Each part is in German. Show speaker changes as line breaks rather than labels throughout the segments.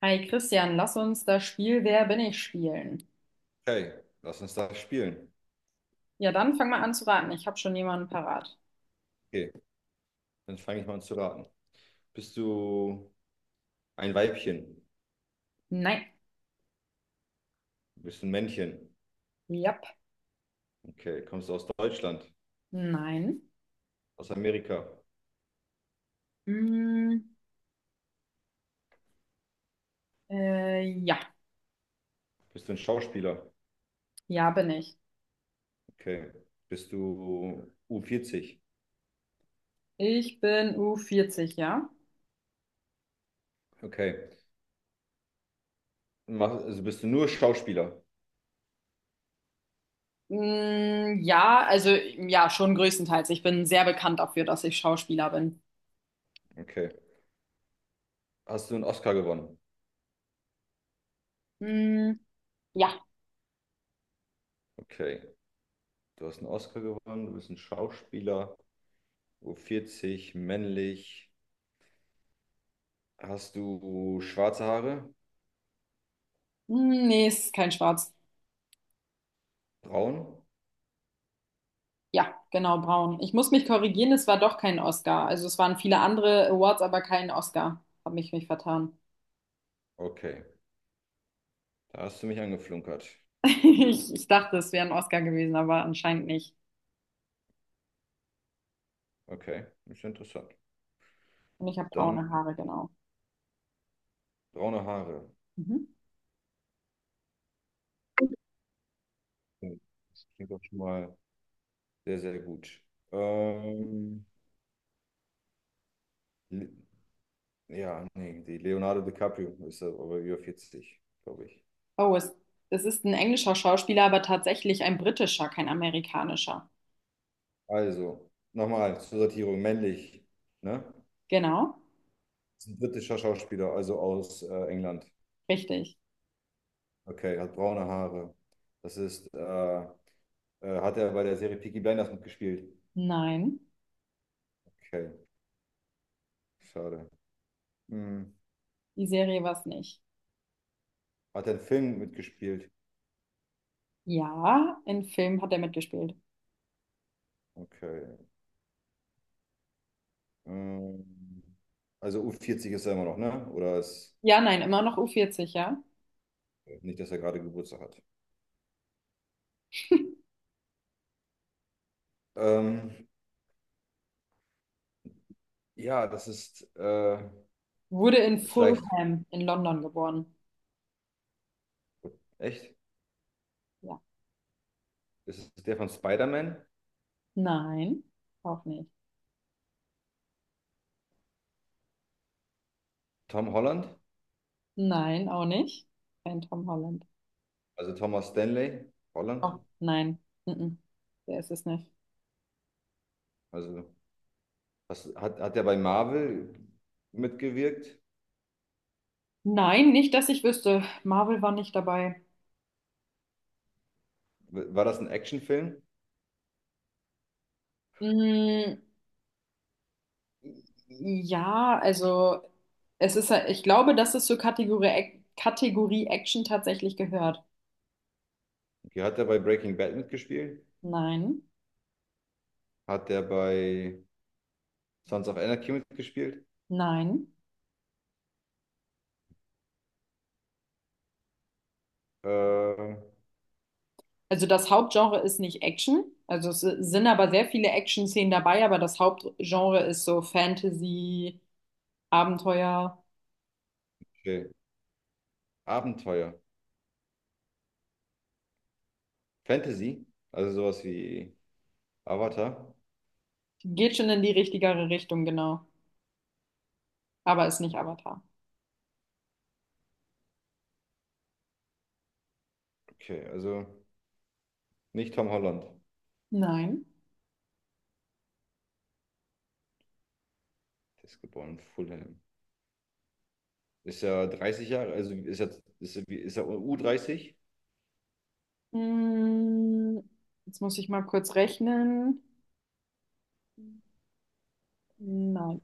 Hi Christian, lass uns das Spiel Wer bin ich spielen.
Okay, lass uns das spielen.
Ja, dann fang mal an zu raten. Ich habe schon jemanden parat.
Okay, dann fange ich mal an zu raten. Bist du ein Weibchen?
Nein.
Bist du ein Männchen?
Jap.
Okay, kommst du aus Deutschland?
Nein.
Aus Amerika?
Mm, ja.
Bist du ein Schauspieler?
Ja bin ich.
Okay, bist du u vierzig?
Ich bin u vierzig, ja?
Okay, also bist du nur Schauspieler?
Ja, also ja, schon größtenteils. Ich bin sehr bekannt dafür, dass ich Schauspieler bin.
Okay, hast du einen Oscar gewonnen?
Mm, ja.
Okay, du hast einen Oscar gewonnen, du bist ein Schauspieler, u vierzig, männlich. Hast du schwarze Haare?
Mm, nee, ist kein Schwarz.
Braun?
Ja, genau, braun. Ich muss mich korrigieren, es war doch kein Oscar. Also es waren viele andere Awards, aber kein Oscar. Hab mich vertan.
Okay, da hast du mich angeflunkert.
Ich dachte, es wäre ein Oscar gewesen, aber anscheinend nicht.
Okay, ist ja interessant.
Und ich habe
Dann
braune Haare, genau.
braune Haare.
Mhm.
Oh, das klingt doch schon mal sehr, sehr gut. Ähm, Le- ja, nee, die Leonardo DiCaprio ist aber über 40, glaube ich.
Oh, es, Es ist ein englischer Schauspieler, aber tatsächlich ein britischer, kein amerikanischer.
Also, nochmal zur Sortierung, männlich, ne?
Genau,
Ist ein britischer Schauspieler, also aus England.
richtig.
Okay, hat braune Haare. Das ist, hat er bei der Serie Peaky Blinders mitgespielt?
Nein,
Okay, schade. Hm.
die Serie war es nicht.
Hat er einen Film mitgespielt?
Ja, in Film hat er mitgespielt.
Okay. Ähm, also u vierzig ist er immer noch, ne? Oder ist
Ja, nein, immer noch U40, ja.
nicht, dass er gerade Geburtstag hat? Ähm, ja, das ist
Wurde in
vielleicht
Fulham in London geboren.
echt.
Ja.
Das ist der von Spider-Man,
Nein, auch nicht.
Tom Holland,
Nein, auch nicht. Kein Tom Holland.
also Thomas Stanley, Holland.
Auch nein. Mhm. Der ist es nicht.
Also was, hat er bei Marvel mitgewirkt?
Nein, nicht, dass ich wüsste. Marvel war nicht dabei.
War das ein Actionfilm?
Mm, ja, ja, ich glaube, dass es zur Kategorie Action tatsächlich gehört.
Okay, hat er bei Breaking Bad mitgespielt?
Nein,
Hat er bei Sons of Anarchy mitgespielt?
nein.
Äh,
Also das Hauptgenre ist nicht Action. Es sind aber sehr viele Action-Szenen dabei, aber das Hauptgenre ist so Fantasy, Abenteuer.
okay. Abenteuer, Fantasy, also sowas wie Avatar?
Geht schon in die richtigere Richtung, genau. Aber ist nicht Avatar.
Okay, also nicht Tom Holland.
Nein.
Der ist geboren in Fulham. Ist ja 30 Jahre, also ist er u 30?
Mm, Jetzt muss ich mal kurz rechnen. Nein.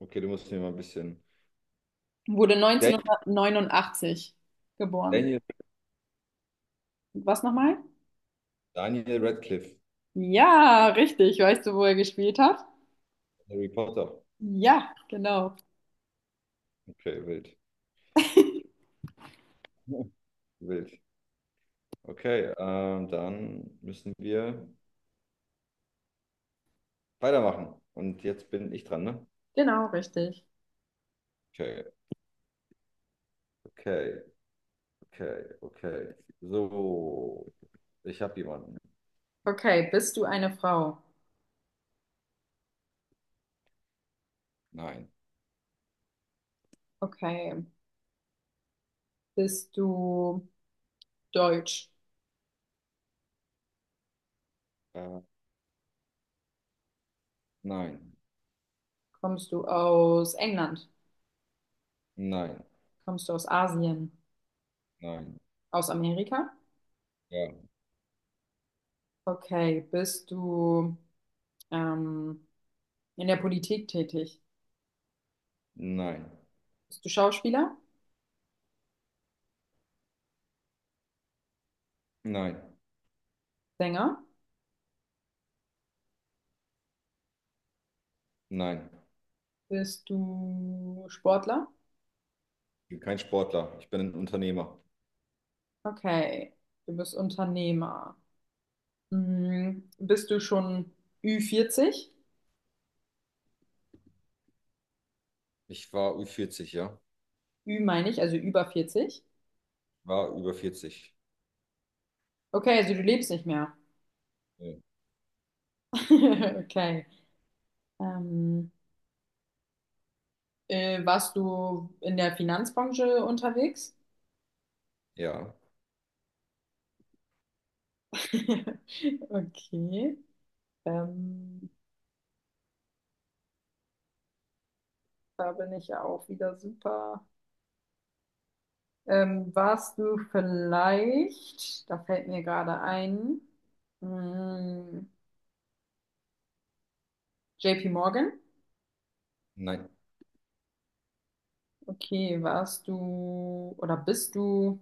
Okay, du musst mir mal ein bisschen.
Wurde
Dan-
1989 geboren.
Daniel,
Was nochmal?
Daniel Radcliffe,
Ja, richtig. Weißt du, wo er gespielt hat?
Harry Potter.
Ja, genau.
Okay, wild. Wild. Okay, dann müssen wir weitermachen. Und jetzt bin ich dran, ne?
Genau, richtig.
Okay, okay, okay, okay. So, ich habe jemanden.
Okay, bist du eine Frau?
Nein.
Okay. Bist du deutsch?
Äh, nein.
Kommst du aus England?
Nein.
Kommst du aus Asien?
Nein.
Aus Amerika?
Ja.
Okay. Bist du ähm, in der Politik tätig?
Nein.
Bist du Schauspieler?
Nein,
Sänger?
nein,
Bist du Sportler?
ich bin kein Sportler. Ich bin ein Unternehmer.
Okay, du bist Unternehmer. Hm, bist du schon Ü40?
Ich war über 40, ja.
Ü meine ich, also über 40.
War über 40.
Okay, also du lebst nicht mehr.
Ja.
Okay. Ähm, Warst du in der Finanzbranche unterwegs?
Ja.
Okay. Ähm, Da bin ich ja auch wieder super. Warst du vielleicht, da fällt mir gerade ein, hm, JP Morgan?
Nein,
Okay, warst du oder bist du,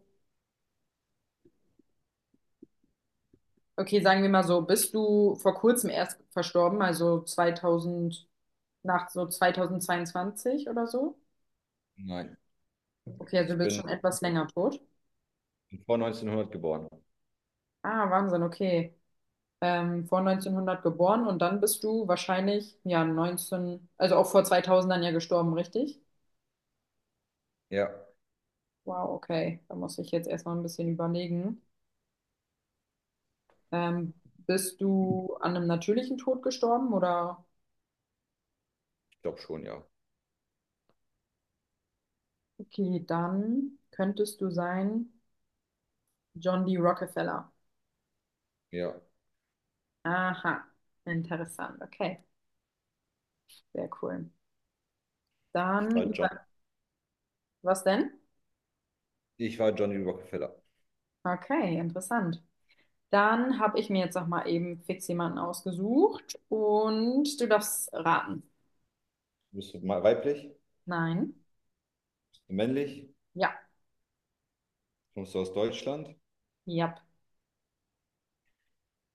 okay, sagen wir mal so, bist du vor kurzem erst verstorben, also 2000, nach so 2022 oder so?
nein.
Okay, also du
Ich
bist
bin
schon etwas länger tot.
vor 1900 geboren.
Ah, Wahnsinn, okay. Vor 1900 geboren und dann bist du wahrscheinlich, ja, 19, also auch vor 2000 dann ja gestorben, richtig?
Ja,
Wow, okay, da muss ich jetzt erstmal ein bisschen überlegen. Bist du an einem natürlichen Tod gestorben oder?
ich glaube schon, ja.
Okay, dann könntest du sein John D. Rockefeller.
Ja,
Aha, interessant. Okay, sehr cool.
ich
Dann,
war John.
was denn?
Ich war Johnny Rockefeller.
Okay, interessant. Dann habe ich mir jetzt noch mal eben fix jemanden ausgesucht und du darfst raten.
Weiblich?
Nein.
Bist du männlich?
Ja.
Kommst du aus Deutschland?
Ja.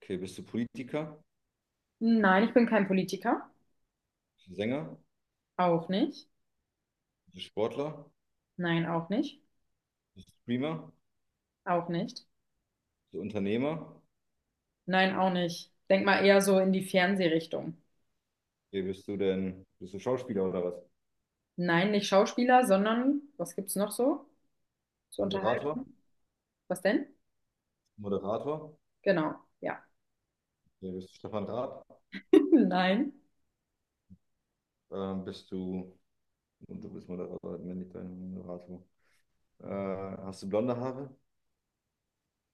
Okay, bist du Politiker?
Nein, ich bin kein Politiker.
Bist du Sänger?
Auch nicht.
Bist du Sportler?
Nein, auch nicht.
Bist du Streamer?
Auch nicht.
Bist du Unternehmer?
Nein, auch nicht. Denk mal eher so in die Fernsehrichtung.
Okay, bist du Schauspieler oder was?
Nein, nicht Schauspieler, sondern was gibt's noch so zur
Moderator?
Unterhaltung? Was denn?
Moderator?
Genau, ja.
Okay, bist du Stefan Raab?
Nein.
Ähm, bist du, du bist Moderator, männlich, dein Moderator. Äh, hast du blonde Haare?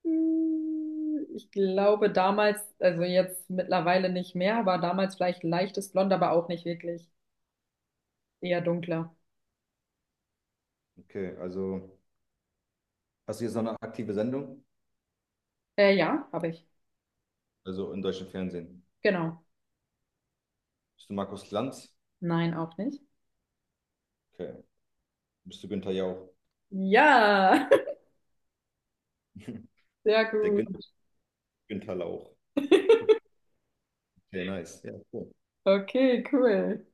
Hm, ich glaube damals, also jetzt mittlerweile nicht mehr, aber damals vielleicht leichtes Blond, aber auch nicht wirklich. Eher dunkler.
Okay, also hast du jetzt noch eine aktive Sendung?
Ja, habe ich.
Also im deutschen Fernsehen.
Genau.
Bist du Markus Lanz?
Nein, auch nicht.
Okay. Bist du Günther Jauch?
Ja, sehr
Der
gut.
Günther Lauch. Okay, nice. Ja, cool.
Okay, cool.